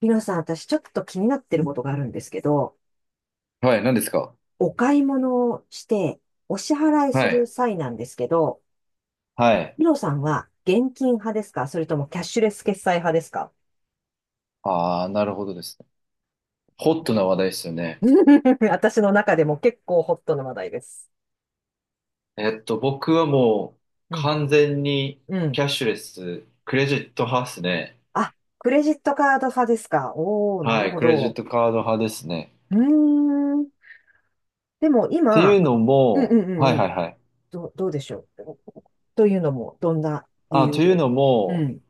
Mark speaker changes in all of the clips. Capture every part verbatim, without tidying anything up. Speaker 1: ひろさん、私ちょっと気になってることがあるんですけど、
Speaker 2: はい、何ですか？
Speaker 1: お買い物をして、お支払いす
Speaker 2: は
Speaker 1: る
Speaker 2: い。
Speaker 1: 際なんですけど、
Speaker 2: はい。
Speaker 1: ひろさんは現金派ですか、それともキャッシュレス決済派ですか？
Speaker 2: ああ、なるほどですね。ホットな話題ですよね。
Speaker 1: 私の中でも結構ホットな話題です。
Speaker 2: えっと、僕はもう
Speaker 1: うん。
Speaker 2: 完全に
Speaker 1: う
Speaker 2: キ
Speaker 1: ん。
Speaker 2: ャッシュレス、クレジット派ですね。
Speaker 1: あ、クレジットカード派ですか、おー、な
Speaker 2: は
Speaker 1: る
Speaker 2: い、
Speaker 1: ほ
Speaker 2: クレジッ
Speaker 1: ど。
Speaker 2: トカード派ですね。
Speaker 1: うーん。でも
Speaker 2: って
Speaker 1: 今、
Speaker 2: いう
Speaker 1: く、
Speaker 2: の
Speaker 1: うん
Speaker 2: も、
Speaker 1: うん
Speaker 2: は
Speaker 1: うん
Speaker 2: い
Speaker 1: う
Speaker 2: はい
Speaker 1: ん。
Speaker 2: はい。
Speaker 1: どう、どうでしょう。というのも、どんな理
Speaker 2: あ、
Speaker 1: 由
Speaker 2: という
Speaker 1: で。
Speaker 2: の
Speaker 1: う
Speaker 2: も、
Speaker 1: ん。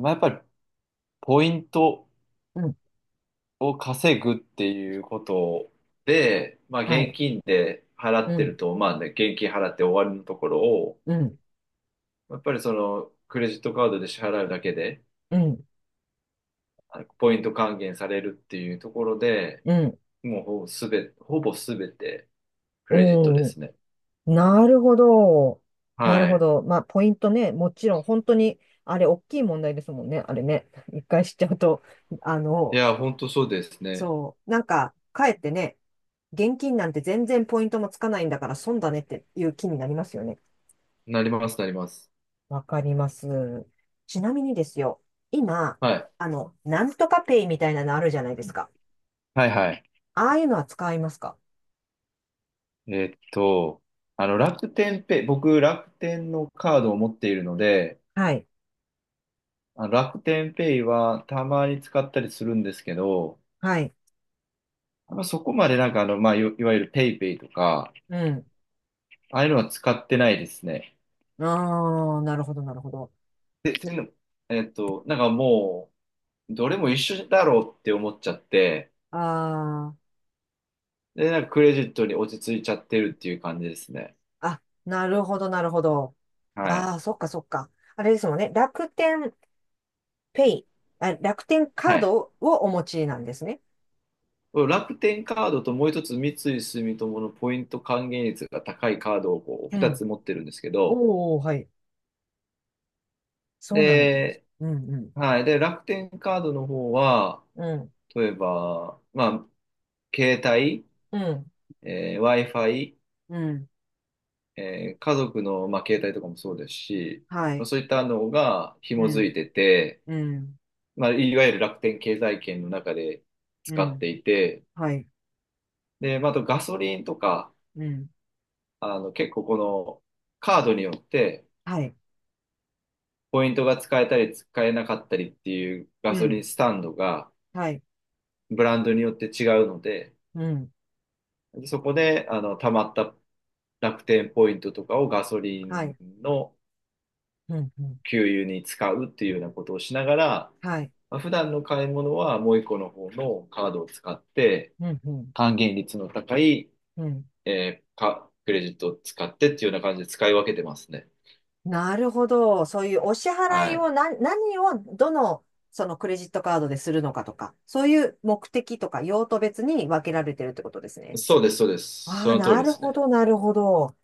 Speaker 2: まあ、やっぱりポイント
Speaker 1: うん。
Speaker 2: を稼ぐっていうことで、まあ
Speaker 1: は
Speaker 2: 現
Speaker 1: い。
Speaker 2: 金で払
Speaker 1: う
Speaker 2: ってる
Speaker 1: ん。
Speaker 2: と、まあね、現金払って終わりのところを、
Speaker 1: うん。
Speaker 2: やっぱりそのクレジットカードで支払うだけで、
Speaker 1: うん。
Speaker 2: あのポイント還元されるっていうところで、
Speaker 1: うん。
Speaker 2: もうほぼすべ、ほぼすべてクレジットで
Speaker 1: おー、
Speaker 2: すね。
Speaker 1: なるほど。なる
Speaker 2: は
Speaker 1: ほ
Speaker 2: い。
Speaker 1: ど。まあ、ポイントね。もちろん、本当に、あれ、大きい問題ですもんね。あれね。一回知っちゃうと、あ
Speaker 2: い
Speaker 1: の、
Speaker 2: や、本当そうですね。
Speaker 1: そう。なんか、かえってね、現金なんて全然ポイントもつかないんだから損だねっていう気になりますよね。
Speaker 2: なります、なります。
Speaker 1: わかります。ちなみにですよ。今、
Speaker 2: はい。
Speaker 1: あの、なんとかペイみたいなのあるじゃないですか。
Speaker 2: はいはい。
Speaker 1: ああいうのは使いますか？
Speaker 2: えーっと、あの、楽天ペイ、僕、楽天のカードを持っているので、
Speaker 1: はい。
Speaker 2: あの楽天ペイはたまに使ったりするんですけど、
Speaker 1: はい。
Speaker 2: あんまそこまでなんかあの、まあ、いわいわゆるペイペイとか、
Speaker 1: うん。
Speaker 2: ああいうのは使ってないですね。
Speaker 1: ああ、なるほど、なるほど。
Speaker 2: で、そんのえーっと、なんかもう、どれも一緒だろうって思っちゃって、
Speaker 1: ああ。
Speaker 2: で、なんかクレジットに落ち着いちゃってるっていう感じですね。
Speaker 1: あ、なるほど、なるほど。
Speaker 2: はい。
Speaker 1: ああ、そっか、そっか。あれですもんね。楽天ペイ、あ、楽天
Speaker 2: は
Speaker 1: カー
Speaker 2: い。
Speaker 1: ドをお持ちなんですね。
Speaker 2: 楽天カードともう一つ三井住友のポイント還元率が高いカードをこう
Speaker 1: う
Speaker 2: 二
Speaker 1: ん。
Speaker 2: つ持ってるんですけど、
Speaker 1: おお、はい。そうなんです。
Speaker 2: で、
Speaker 1: うん、うん。
Speaker 2: はい。で、楽天カードの方は、
Speaker 1: うん、
Speaker 2: 例えば、まあ、携帯、
Speaker 1: うん、
Speaker 2: えー ワイファイ、
Speaker 1: うん。
Speaker 2: えー家族の、まあ、携帯とかもそうですし、
Speaker 1: はい。
Speaker 2: そういったのが
Speaker 1: う
Speaker 2: 紐づ
Speaker 1: ん、
Speaker 2: いてて、
Speaker 1: うん、
Speaker 2: まあ、いわゆる楽天経済圏の中で
Speaker 1: う
Speaker 2: 使っ
Speaker 1: ん。
Speaker 2: ていて、
Speaker 1: はい。
Speaker 2: で、まあ、あとガソリンとか、
Speaker 1: うん、
Speaker 2: あの、結構このカードによって
Speaker 1: はい。
Speaker 2: ポイントが使えたり使えなかったりっていうガ
Speaker 1: う
Speaker 2: ソリ
Speaker 1: ん、
Speaker 2: ンスタンドが
Speaker 1: はい。
Speaker 2: ブランドによって違うので、
Speaker 1: うん、
Speaker 2: でそこで、あの、溜まった楽天ポイントとかをガソリ
Speaker 1: は
Speaker 2: ン
Speaker 1: い。
Speaker 2: の
Speaker 1: うん、うん。
Speaker 2: 給油に使うっていうようなことをしながら、
Speaker 1: はい。
Speaker 2: まあ普段の買い物はもう一個の方のカードを使って、
Speaker 1: うん、うん。
Speaker 2: 還元率の高い
Speaker 1: うん、
Speaker 2: えーか、クレジットを使ってっていうような感じで使い分けてますね。
Speaker 1: なるほど。そういうお支払
Speaker 2: は
Speaker 1: い
Speaker 2: い。
Speaker 1: を何、何をどの、そのクレジットカードでするのかとか、そういう目的とか用途別に分けられてるってことですね。
Speaker 2: そうです、そうです。
Speaker 1: あ
Speaker 2: そ
Speaker 1: あ、
Speaker 2: の通り
Speaker 1: な
Speaker 2: で
Speaker 1: る
Speaker 2: す
Speaker 1: ほ
Speaker 2: ね。
Speaker 1: ど、なるほど。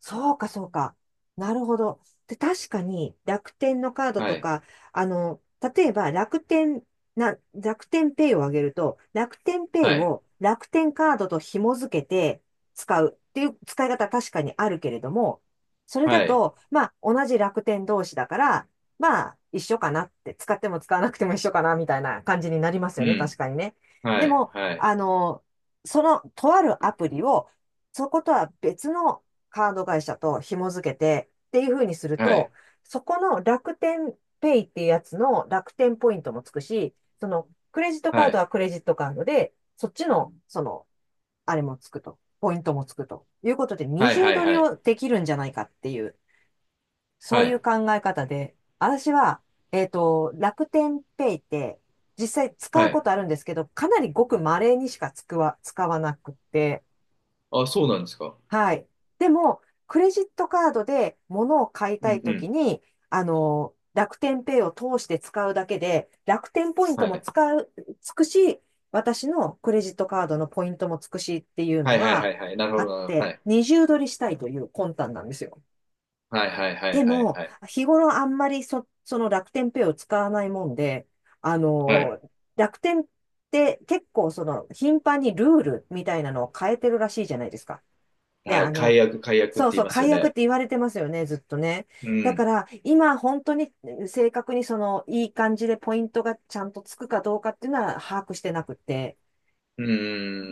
Speaker 1: そうか、そうか。なるほど。で、確かに楽天のカード
Speaker 2: は
Speaker 1: と
Speaker 2: い。
Speaker 1: か、あの、例えば楽天、な、楽天ペイをあげると、楽天ペイ
Speaker 2: はい。
Speaker 1: を楽天カードと紐付けて使うっていう使い方確かにあるけれども、それだ
Speaker 2: はい。
Speaker 1: と、まあ、同じ楽天同士だから、まあ、一緒かなって、使っても使わなくても一緒かな、みたいな感じになります
Speaker 2: う
Speaker 1: よね、確
Speaker 2: ん。
Speaker 1: かにね。
Speaker 2: は
Speaker 1: で
Speaker 2: い。
Speaker 1: も、
Speaker 2: はい。
Speaker 1: あの、その、とあるアプリを、そことは別のカード会社と紐付けてっていう風にする
Speaker 2: は
Speaker 1: と、
Speaker 2: い。
Speaker 1: そこの楽天ペイっていうやつの楽天ポイントもつくし、そのクレジットカー
Speaker 2: は
Speaker 1: ド
Speaker 2: い。
Speaker 1: はクレジットカードで、そっちの、その、あれもつくと、ポイントもつくということで、二
Speaker 2: はい。
Speaker 1: 重
Speaker 2: はい。
Speaker 1: 取り
Speaker 2: はい。
Speaker 1: をできるんじゃないかっていう、そ
Speaker 2: は
Speaker 1: ういう
Speaker 2: い。
Speaker 1: 考え方で、私は、えっと、楽天ペイって、実際使
Speaker 2: は
Speaker 1: うこ
Speaker 2: い。
Speaker 1: とあるんですけど、かなりごく稀にしか使わ、使わなくて、
Speaker 2: あ、そうなんですか？
Speaker 1: はい。でも、クレジットカードで物を買い
Speaker 2: う
Speaker 1: たい
Speaker 2: ん。う
Speaker 1: とき
Speaker 2: ん。
Speaker 1: に、あの、楽天ペイを通して使うだけで、楽天ポイント
Speaker 2: は
Speaker 1: も
Speaker 2: い。
Speaker 1: 使う、つくし、私のクレジットカードのポイントもつくしっていうの
Speaker 2: はい。はい。
Speaker 1: が
Speaker 2: はい。はい。なるほ
Speaker 1: あ
Speaker 2: ど、
Speaker 1: っ
Speaker 2: なるほど。
Speaker 1: て、
Speaker 2: はい。
Speaker 1: 二重取りしたいという魂胆なんですよ。
Speaker 2: はい。はい。はい。
Speaker 1: で
Speaker 2: はい。
Speaker 1: も、
Speaker 2: はい。
Speaker 1: 日頃あんまりそ、その楽天ペイを使わないもんで、あ
Speaker 2: はい。
Speaker 1: の、楽天って結構その頻繁にルールみたいなのを変えてるらしいじゃないですか。で、
Speaker 2: は
Speaker 1: あ
Speaker 2: い。
Speaker 1: の、
Speaker 2: 解約、解約っ
Speaker 1: そ
Speaker 2: て
Speaker 1: う
Speaker 2: 言
Speaker 1: そ
Speaker 2: い
Speaker 1: う、
Speaker 2: ますよ
Speaker 1: 解約っ
Speaker 2: ね。
Speaker 1: て言われてますよね、ずっとね。
Speaker 2: う
Speaker 1: だか
Speaker 2: ん。
Speaker 1: ら、今本当に正確にその、いい感じでポイントがちゃんとつくかどうかっていうのは把握してなくて。
Speaker 2: う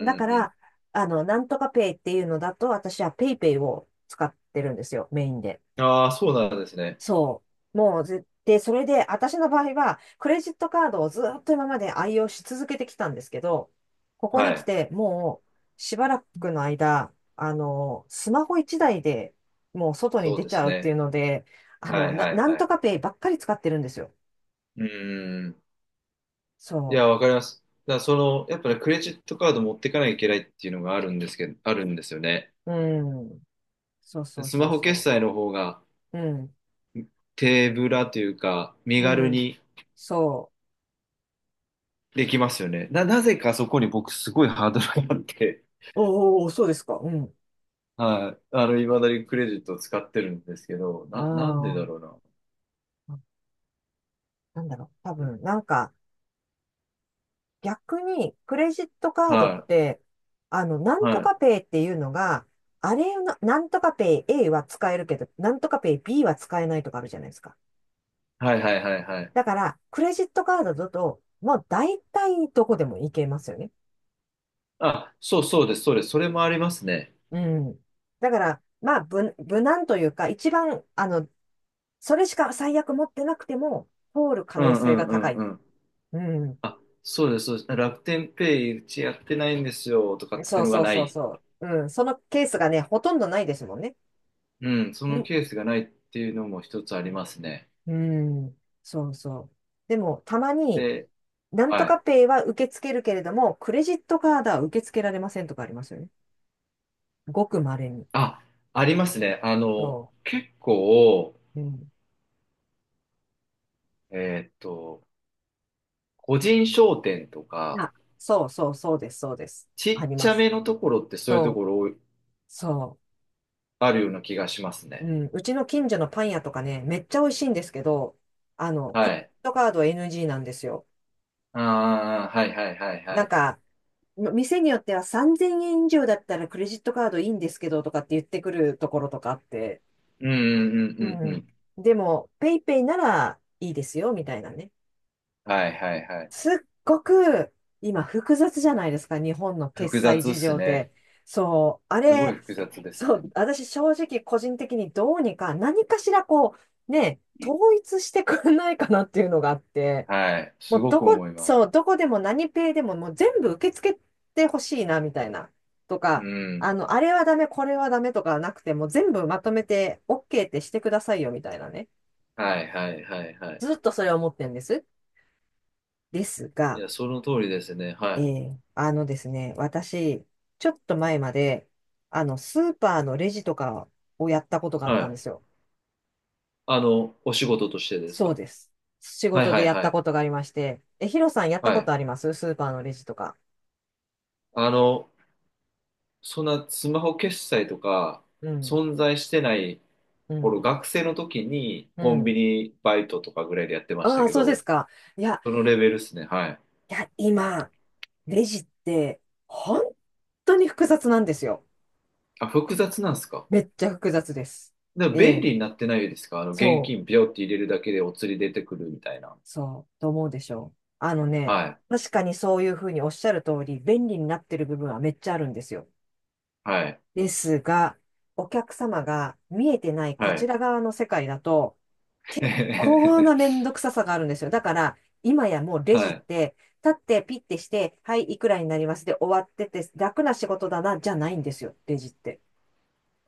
Speaker 1: だか
Speaker 2: うん。
Speaker 1: ら、あの、なんとかペイっていうのだと、私はペイペイを使ってるんですよ、メインで。
Speaker 2: うん。ああそうなんですね。
Speaker 1: そう。もう絶対、それで、私の場合は、クレジットカードをずっと今まで愛用し続けてきたんですけど、ここ
Speaker 2: は
Speaker 1: に来
Speaker 2: い。
Speaker 1: て、もう、しばらくの間、あの、スマホ一台でもう外に
Speaker 2: そう
Speaker 1: 出
Speaker 2: で
Speaker 1: ち
Speaker 2: す
Speaker 1: ゃうってい
Speaker 2: ね。
Speaker 1: うので、あ
Speaker 2: は
Speaker 1: の、
Speaker 2: い。
Speaker 1: な、
Speaker 2: はい。
Speaker 1: なん
Speaker 2: は
Speaker 1: と
Speaker 2: い。
Speaker 1: かペイばっかり使ってるんですよ。
Speaker 2: うん。い
Speaker 1: そ
Speaker 2: や、わかります。だからその、やっぱね、クレジットカード持ってかなきゃいけないっていうのがあるんですけど、あるんですよね。
Speaker 1: う。うん。そうそう
Speaker 2: ス
Speaker 1: そ
Speaker 2: マ
Speaker 1: う
Speaker 2: ホ決
Speaker 1: そ
Speaker 2: 済の方が
Speaker 1: う。うん。
Speaker 2: 手ぶらというか、身
Speaker 1: う
Speaker 2: 軽
Speaker 1: ん。
Speaker 2: に
Speaker 1: そ
Speaker 2: できますよね。な、なぜかそこに僕すごいハードルがあって、
Speaker 1: う。おーおー、そうですか。うん。
Speaker 2: はい。あの、未だにクレジットを使ってるんですけど、な、なんでだ
Speaker 1: あ
Speaker 2: ろうな。
Speaker 1: あ、なんだろう。多分、なんか、逆に、クレジットカードっ
Speaker 2: はい。
Speaker 1: て、あの、なん
Speaker 2: は
Speaker 1: と
Speaker 2: い。
Speaker 1: かペイっていうのが、あれの、なんとかペイ A は使えるけど、なんとかペイ B は使えないとかあるじゃないですか。
Speaker 2: はいはいはいはい。
Speaker 1: だから、クレジットカードだと、もう大体どこでも行けますよね。
Speaker 2: あ、そうそうです、そうです。それもありますね。
Speaker 1: うん。だから、まあ、無、無難というか、一番、あの、それしか最悪持ってなくても、通る可
Speaker 2: う
Speaker 1: 能
Speaker 2: んう
Speaker 1: 性が
Speaker 2: んうん
Speaker 1: 高
Speaker 2: う
Speaker 1: い。
Speaker 2: ん。
Speaker 1: うん。
Speaker 2: あ、そうです、そうです。楽天ペイうちやってないんですよとかって
Speaker 1: そ
Speaker 2: い
Speaker 1: う
Speaker 2: うのが
Speaker 1: そう
Speaker 2: な
Speaker 1: そう
Speaker 2: い。
Speaker 1: そう。うん。そのケースがね、ほとんどないですもんね。
Speaker 2: うん、そ
Speaker 1: ん
Speaker 2: のケースがないっていうのも一つありますね。
Speaker 1: うん、そうそう。でも、たまに、
Speaker 2: で、
Speaker 1: なんと
Speaker 2: は
Speaker 1: か
Speaker 2: い。
Speaker 1: ペイは受け付けるけれども、クレジットカードは受け付けられませんとかありますよね。ごく稀に。
Speaker 2: あ、ありますね。あの、
Speaker 1: そ
Speaker 2: 結構、
Speaker 1: う。うん。
Speaker 2: えーっと、個人商店とか、
Speaker 1: あ、そうそうそうです、そうです。あ
Speaker 2: ちっ
Speaker 1: り
Speaker 2: ち
Speaker 1: ま
Speaker 2: ゃ
Speaker 1: す。
Speaker 2: めのところってそういうと
Speaker 1: そ
Speaker 2: こ
Speaker 1: う、
Speaker 2: ろ多い
Speaker 1: そ
Speaker 2: あるような気がします
Speaker 1: う。
Speaker 2: ね。
Speaker 1: うん。うちの近所のパン屋とかね、めっちゃ美味しいんですけど、あの、クレ
Speaker 2: は
Speaker 1: ジ
Speaker 2: い。
Speaker 1: ットカードは エヌジー なんですよ。
Speaker 2: ああ、はいはいはいは
Speaker 1: なん
Speaker 2: い。
Speaker 1: か、店によってはさんぜんえん以上だったらクレジットカードいいんですけどとかって言ってくるところとかあって、
Speaker 2: うんうんう
Speaker 1: う
Speaker 2: んうんう
Speaker 1: ん。
Speaker 2: ん。
Speaker 1: でも、ペイペイならいいですよ、みたいなね。
Speaker 2: はいはいはい。
Speaker 1: すごく、今、複雑じゃないですか、日本の決
Speaker 2: 複
Speaker 1: 済
Speaker 2: 雑っ
Speaker 1: 事
Speaker 2: す
Speaker 1: 情って。
Speaker 2: ね。
Speaker 1: そう、あ
Speaker 2: すごい
Speaker 1: れ、
Speaker 2: 複雑です
Speaker 1: そう、
Speaker 2: ね。
Speaker 1: 私、正直、個人的にどうにか、何かしら、こう、ね、統一してくれないかなっていうのがあって、
Speaker 2: はい。
Speaker 1: も
Speaker 2: す
Speaker 1: う、
Speaker 2: ご
Speaker 1: ど
Speaker 2: く
Speaker 1: こ、
Speaker 2: 思います。
Speaker 1: そう、どこでも何ペイでも、もう全部受け付けてほしいな、みたいな。と
Speaker 2: う
Speaker 1: か、
Speaker 2: ん。
Speaker 1: あの、あれはダメ、これはダメとかなくて、もう全部まとめて OK ってしてくださいよ、みたいなね。
Speaker 2: はいはいはいはい。
Speaker 1: ずっとそれを思ってるんです。です
Speaker 2: い
Speaker 1: が、
Speaker 2: や、その通りですね。は
Speaker 1: え
Speaker 2: い。
Speaker 1: ーあのですね、私、ちょっと前まで、あの、スーパーのレジとかをやったことがあ
Speaker 2: は
Speaker 1: ったん
Speaker 2: い。
Speaker 1: ですよ。
Speaker 2: あの、お仕事としてです
Speaker 1: そう
Speaker 2: か？
Speaker 1: です。仕
Speaker 2: はい
Speaker 1: 事
Speaker 2: は
Speaker 1: で
Speaker 2: い
Speaker 1: やっ
Speaker 2: は
Speaker 1: た
Speaker 2: い。
Speaker 1: ことがありまして、え、ヒロさんやった
Speaker 2: は
Speaker 1: こと
Speaker 2: い。
Speaker 1: ありますスーパーのレジとか。
Speaker 2: あの、そんなスマホ決済とか
Speaker 1: うん、
Speaker 2: 存在してない
Speaker 1: う
Speaker 2: 頃、
Speaker 1: ん、
Speaker 2: 学生の時に
Speaker 1: う
Speaker 2: コンビ
Speaker 1: ん。
Speaker 2: ニバイトとかぐらいでやってました
Speaker 1: ああ、
Speaker 2: け
Speaker 1: そうで
Speaker 2: ど、
Speaker 1: すか。いや、
Speaker 2: そのレベルですね。はい。
Speaker 1: いや、今、レジって、本当に複雑なんですよ。
Speaker 2: あ、複雑なんですか？
Speaker 1: めっちゃ複雑です。
Speaker 2: でも
Speaker 1: え
Speaker 2: 便
Speaker 1: え、
Speaker 2: 利になってないですか？あの、現
Speaker 1: そ
Speaker 2: 金
Speaker 1: う。
Speaker 2: ビョって入れるだけでお釣り出てくるみたいな。
Speaker 1: そう、と思うでしょう。あのね、
Speaker 2: はい。
Speaker 1: 確かにそういうふうにおっしゃる通り、便利になってる部分はめっちゃあるんですよ。
Speaker 2: はい。
Speaker 1: ですが、お客様が見えてないこ
Speaker 2: は
Speaker 1: ち
Speaker 2: い。
Speaker 1: ら側の世界だと、結構なめんどく ささがあるんですよ。だから、今やもうレジ
Speaker 2: は
Speaker 1: っ
Speaker 2: い。
Speaker 1: て、立ってピッてして、はい、いくらになりますで終わってて、楽な仕事だな、じゃないんですよ、レジって。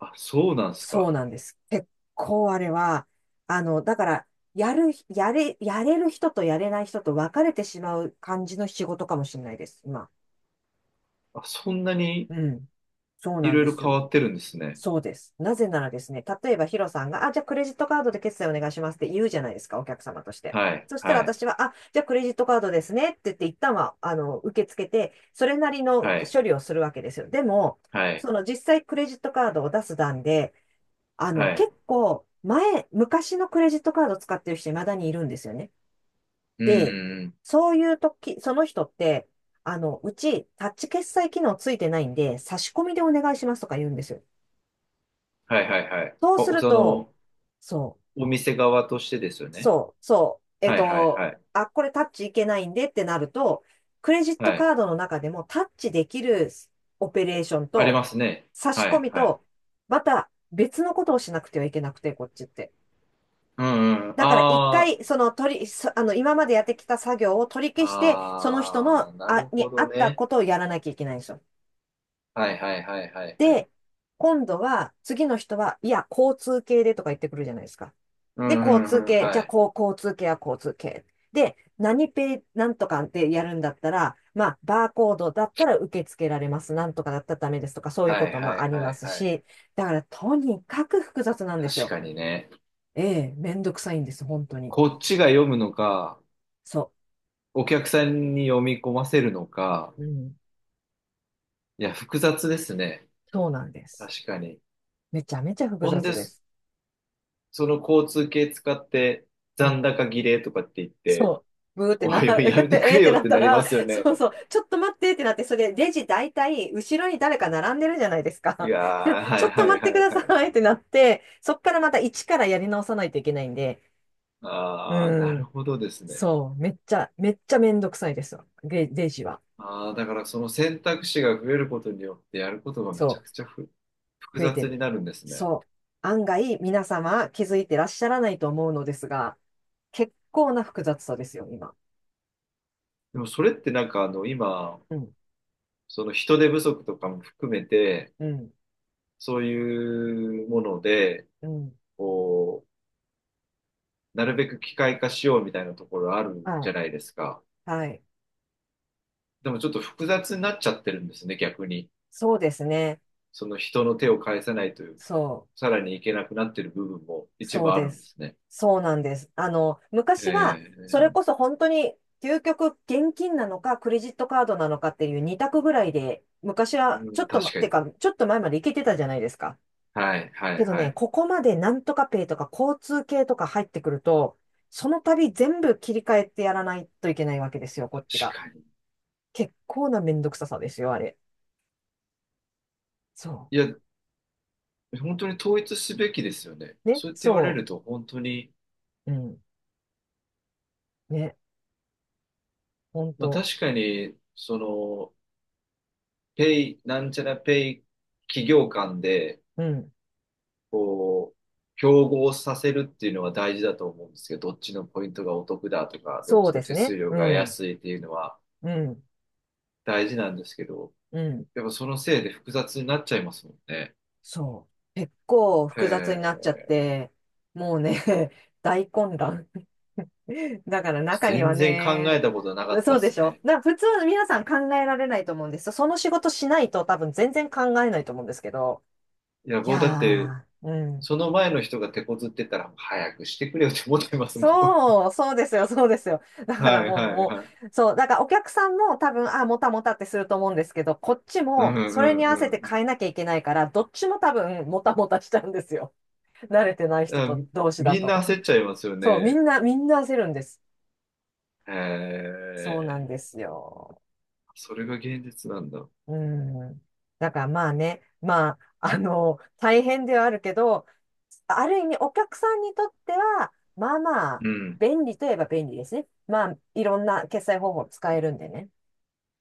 Speaker 2: あ、そうなんです
Speaker 1: そう
Speaker 2: か？
Speaker 1: なんです。結構あれは、あの、だから、やる、やれ、やれる人とやれない人と分かれてしまう感じの仕事かもしれないです、今。
Speaker 2: あ、そんなに？
Speaker 1: うん。そう
Speaker 2: い
Speaker 1: なん
Speaker 2: ろい
Speaker 1: で
Speaker 2: ろ
Speaker 1: す
Speaker 2: 変
Speaker 1: よ。
Speaker 2: わってるんですね。
Speaker 1: そうです。なぜならですね、例えばヒロさんが、あ、じゃあクレジットカードで決済お願いしますって言うじゃないですか、お客様として。
Speaker 2: はい。
Speaker 1: そしたら
Speaker 2: はい。
Speaker 1: 私は、あ、じゃあクレジットカードですねって言って、一旦は、あの、受け付けて、それなりの
Speaker 2: はい。
Speaker 1: 処理をするわけですよ。でも、
Speaker 2: はい。
Speaker 1: その実際クレジットカードを出す段で、あの、
Speaker 2: はい。
Speaker 1: 結構、前、昔のクレジットカード使ってる人、未だにいるんですよね。
Speaker 2: うん、う
Speaker 1: で、
Speaker 2: んうん。
Speaker 1: そういう時、その人って、あの、うち、タッチ決済機能ついてないんで、差し込みでお願いしますとか言うんですよ。
Speaker 2: はいはいはい。
Speaker 1: そうす
Speaker 2: お、
Speaker 1: る
Speaker 2: そ
Speaker 1: と、
Speaker 2: の、
Speaker 1: そう、
Speaker 2: お店側としてですよね。
Speaker 1: そう、そう、えっ
Speaker 2: はいはい
Speaker 1: と、
Speaker 2: はい。
Speaker 1: あ、これタッチいけないんでってなると、クレジット
Speaker 2: はい。
Speaker 1: カードの中でもタッチできるオペレーション
Speaker 2: あり
Speaker 1: と、
Speaker 2: ますね。
Speaker 1: 差し
Speaker 2: は
Speaker 1: 込
Speaker 2: い
Speaker 1: み
Speaker 2: はい。
Speaker 1: と、また別のことをしなくてはいけなくて、こっちって。
Speaker 2: うんうん。
Speaker 1: だから一
Speaker 2: あ
Speaker 1: 回、その取り、そあの、今までやってきた作業を取り
Speaker 2: あ、
Speaker 1: 消して、その人
Speaker 2: あ
Speaker 1: の、
Speaker 2: あ、なる
Speaker 1: あ、
Speaker 2: ほ
Speaker 1: に合
Speaker 2: ど
Speaker 1: った
Speaker 2: ね。
Speaker 1: ことをやらなきゃいけないんですよ。
Speaker 2: はいはいはいはいはい。
Speaker 1: で、今度は、次の人は、いや、交通系でとか言ってくるじゃないですか。
Speaker 2: う
Speaker 1: で、
Speaker 2: んう
Speaker 1: 交通
Speaker 2: んうん。
Speaker 1: 系、じ
Speaker 2: は
Speaker 1: ゃあ、
Speaker 2: い。
Speaker 1: こう、交通系は交通系。で、何ペイ、なんとかってやるんだったら、まあ、バーコードだったら受け付けられます。なんとかだったらダメですとか、そういう
Speaker 2: は
Speaker 1: こ
Speaker 2: い
Speaker 1: と
Speaker 2: は
Speaker 1: もあ
Speaker 2: い
Speaker 1: り
Speaker 2: は
Speaker 1: ま
Speaker 2: い
Speaker 1: す
Speaker 2: はい。
Speaker 1: し、だから、とにかく複雑なんです
Speaker 2: 確
Speaker 1: よ。
Speaker 2: かにね。
Speaker 1: ええ、めんどくさいんです、本当に。
Speaker 2: こっちが読むのか、
Speaker 1: そ
Speaker 2: お客さんに読み込ませるのか。
Speaker 1: う。うん、
Speaker 2: いや、複雑ですね。
Speaker 1: そうなんです。
Speaker 2: 確かに。
Speaker 1: めちゃめちゃ複
Speaker 2: ほん
Speaker 1: 雑
Speaker 2: で
Speaker 1: で
Speaker 2: す。
Speaker 1: す。
Speaker 2: その交通系使って
Speaker 1: うん。
Speaker 2: 残高儀礼とかって言って、
Speaker 1: そう。ブーって
Speaker 2: お
Speaker 1: な、
Speaker 2: いおいやめてく
Speaker 1: えーっ
Speaker 2: れ
Speaker 1: て
Speaker 2: よ
Speaker 1: な
Speaker 2: っ
Speaker 1: っ
Speaker 2: て
Speaker 1: た
Speaker 2: なり
Speaker 1: ら、
Speaker 2: ますよね。
Speaker 1: そうそう、ちょっと待ってってなって、それレジ大体後ろに誰か並んでるじゃないです
Speaker 2: い
Speaker 1: か。
Speaker 2: やー、は
Speaker 1: ちょ
Speaker 2: い
Speaker 1: っと
Speaker 2: は
Speaker 1: 待
Speaker 2: い
Speaker 1: っ
Speaker 2: は
Speaker 1: てく
Speaker 2: い
Speaker 1: だ
Speaker 2: は
Speaker 1: さいっ
Speaker 2: い。
Speaker 1: てなって、そっからまた一からやり直さないといけないんで、
Speaker 2: ああ、な
Speaker 1: う
Speaker 2: る
Speaker 1: ん。
Speaker 2: ほどですね。
Speaker 1: そう。めっちゃ、めっちゃめんどくさいですよ。レ、レジは。
Speaker 2: ああ、だからその選択肢が増えることによってやることがめちゃ
Speaker 1: そ
Speaker 2: くちゃふ
Speaker 1: う。
Speaker 2: 複
Speaker 1: 増えて
Speaker 2: 雑に
Speaker 1: る。
Speaker 2: なるんですね。
Speaker 1: そう。案外皆様気づいてらっしゃらないと思うのですが、結構な複雑さですよ、今。
Speaker 2: でもそれってなんかあの今、
Speaker 1: うん。
Speaker 2: その人手不足とかも含めて、
Speaker 1: うん。
Speaker 2: そういうもので、
Speaker 1: うん。
Speaker 2: こう、なるべく機械化しようみたいなところある
Speaker 1: は
Speaker 2: じ
Speaker 1: い。
Speaker 2: ゃないですか。
Speaker 1: はい。
Speaker 2: でもちょっと複雑になっちゃってるんですね、逆に。
Speaker 1: そうですね。
Speaker 2: その人の手を返さないという、
Speaker 1: そう。
Speaker 2: さらにいけなくなってる部分も一
Speaker 1: そ
Speaker 2: 部
Speaker 1: う
Speaker 2: あ
Speaker 1: で
Speaker 2: るんで
Speaker 1: す。
Speaker 2: すね。
Speaker 1: そうなんです。あの、昔は、
Speaker 2: え
Speaker 1: それこそ本当に、究極現金なのか、クレジットカードなのかっていう二択ぐらいで、昔
Speaker 2: ー、
Speaker 1: は、
Speaker 2: う
Speaker 1: ちょ
Speaker 2: ん
Speaker 1: っとま、
Speaker 2: 確か
Speaker 1: て
Speaker 2: に。
Speaker 1: か、ちょっと前までいけてたじゃないですか。
Speaker 2: はい、は
Speaker 1: け
Speaker 2: い、
Speaker 1: ど
Speaker 2: は
Speaker 1: ね、
Speaker 2: い。
Speaker 1: ここまでなんとかペイとか交通系とか入ってくると、その度全部切り替えてやらないといけないわけですよ、こっち
Speaker 2: 確
Speaker 1: が。
Speaker 2: かに。
Speaker 1: 結構なめんどくささですよ、あれ。そ
Speaker 2: いや、本当に統一すべきですよね。
Speaker 1: う。ね、
Speaker 2: そうやって言われ
Speaker 1: そ
Speaker 2: ると本当に、
Speaker 1: う。うん。ね、ほん
Speaker 2: まあ
Speaker 1: と。
Speaker 2: 確かに、その、ペイ、なんちゃらペイ企業間で、
Speaker 1: うん。
Speaker 2: こう、競合させるっていうのは大事だと思うんですけど、どっちのポイントがお得だとか、どっ
Speaker 1: そう
Speaker 2: ちの
Speaker 1: です
Speaker 2: 手
Speaker 1: ね。
Speaker 2: 数料
Speaker 1: う
Speaker 2: が
Speaker 1: ん。
Speaker 2: 安いっていうのは、
Speaker 1: うん。
Speaker 2: 大事なんですけど、
Speaker 1: うん。
Speaker 2: やっぱそのせいで複雑になっちゃいますもんね。
Speaker 1: そう。結構
Speaker 2: へ
Speaker 1: 複雑になっちゃ
Speaker 2: え、
Speaker 1: って、もうね、大混乱。だから中に
Speaker 2: 全
Speaker 1: は
Speaker 2: 然考え
Speaker 1: ね、
Speaker 2: たことなかっ
Speaker 1: そ
Speaker 2: たっ
Speaker 1: うで
Speaker 2: す
Speaker 1: しょ。
Speaker 2: ね。
Speaker 1: だから普通の皆さん考えられないと思うんですよ。その仕事しないと多分全然考えないと思うんですけど。
Speaker 2: いや、
Speaker 1: い
Speaker 2: 僕だって、
Speaker 1: やー、うん。
Speaker 2: その前の人が手こずってたら、早くしてくれよって思ってますもん。
Speaker 1: そう、そうですよ、そうですよ。だ か
Speaker 2: は
Speaker 1: ら
Speaker 2: い
Speaker 1: もう、
Speaker 2: はい
Speaker 1: も
Speaker 2: はい。
Speaker 1: う、そう、だからお客さんも多分、あ、もたもたってすると思うんですけど、こっち
Speaker 2: うん
Speaker 1: も
Speaker 2: う
Speaker 1: それに
Speaker 2: ん
Speaker 1: 合
Speaker 2: う
Speaker 1: わせて
Speaker 2: んう
Speaker 1: 変え
Speaker 2: ん。
Speaker 1: なきゃいけないから、どっちも多分、もたもたしちゃうんですよ。慣れてない人
Speaker 2: だ
Speaker 1: と同士だ
Speaker 2: みんな
Speaker 1: と。
Speaker 2: 焦っちゃいますよ
Speaker 1: そう、み
Speaker 2: ね。
Speaker 1: んな、みんな焦るんです。
Speaker 2: へ
Speaker 1: そうなん
Speaker 2: え、
Speaker 1: ですよ。
Speaker 2: それが現実なんだ。
Speaker 1: うん。だからまあね、まあ、あの、大変ではあるけど、ある意味お客さんにとっては、まあまあ、
Speaker 2: うん。
Speaker 1: 便利といえば便利ですね。まあ、いろんな決済方法使えるんでね。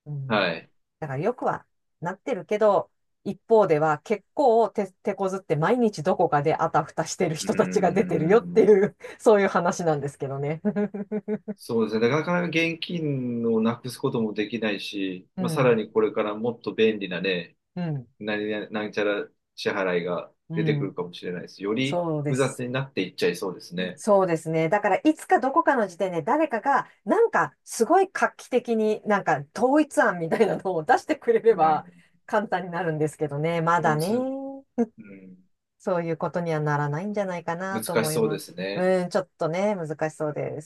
Speaker 1: うん。
Speaker 2: はい。
Speaker 1: だからよくはなってるけど、一方では結構手、手こずって毎日どこかであたふたしてる
Speaker 2: うー
Speaker 1: 人たちが出てるよって
Speaker 2: ん。
Speaker 1: いう、そういう話なんですけどね。
Speaker 2: そうですね。なかなか現金をなくすこともできないし、
Speaker 1: う
Speaker 2: まあ、さら
Speaker 1: ん、
Speaker 2: にこれからもっと便利なね、
Speaker 1: うん、
Speaker 2: 何々、なんちゃら支払いが
Speaker 1: う
Speaker 2: 出てくる
Speaker 1: ん。
Speaker 2: かもしれないです。より
Speaker 1: そうで
Speaker 2: 複
Speaker 1: す。
Speaker 2: 雑になっていっちゃいそうですね。
Speaker 1: そうですね。だから、いつかどこかの時点で誰かが、なんか、すごい画期的に、なんか、統一案みたいなのを出してくれ
Speaker 2: う
Speaker 1: れば、
Speaker 2: ん。
Speaker 1: 簡単になるんですけどね。ま
Speaker 2: こ
Speaker 1: だ
Speaker 2: い
Speaker 1: ね、
Speaker 2: つ、うん、
Speaker 1: そういうことにはならないんじゃないかな
Speaker 2: 難
Speaker 1: と思
Speaker 2: し
Speaker 1: い
Speaker 2: そうで
Speaker 1: ま
Speaker 2: す
Speaker 1: す。
Speaker 2: ね。
Speaker 1: うん、ちょっとね、難しそうです。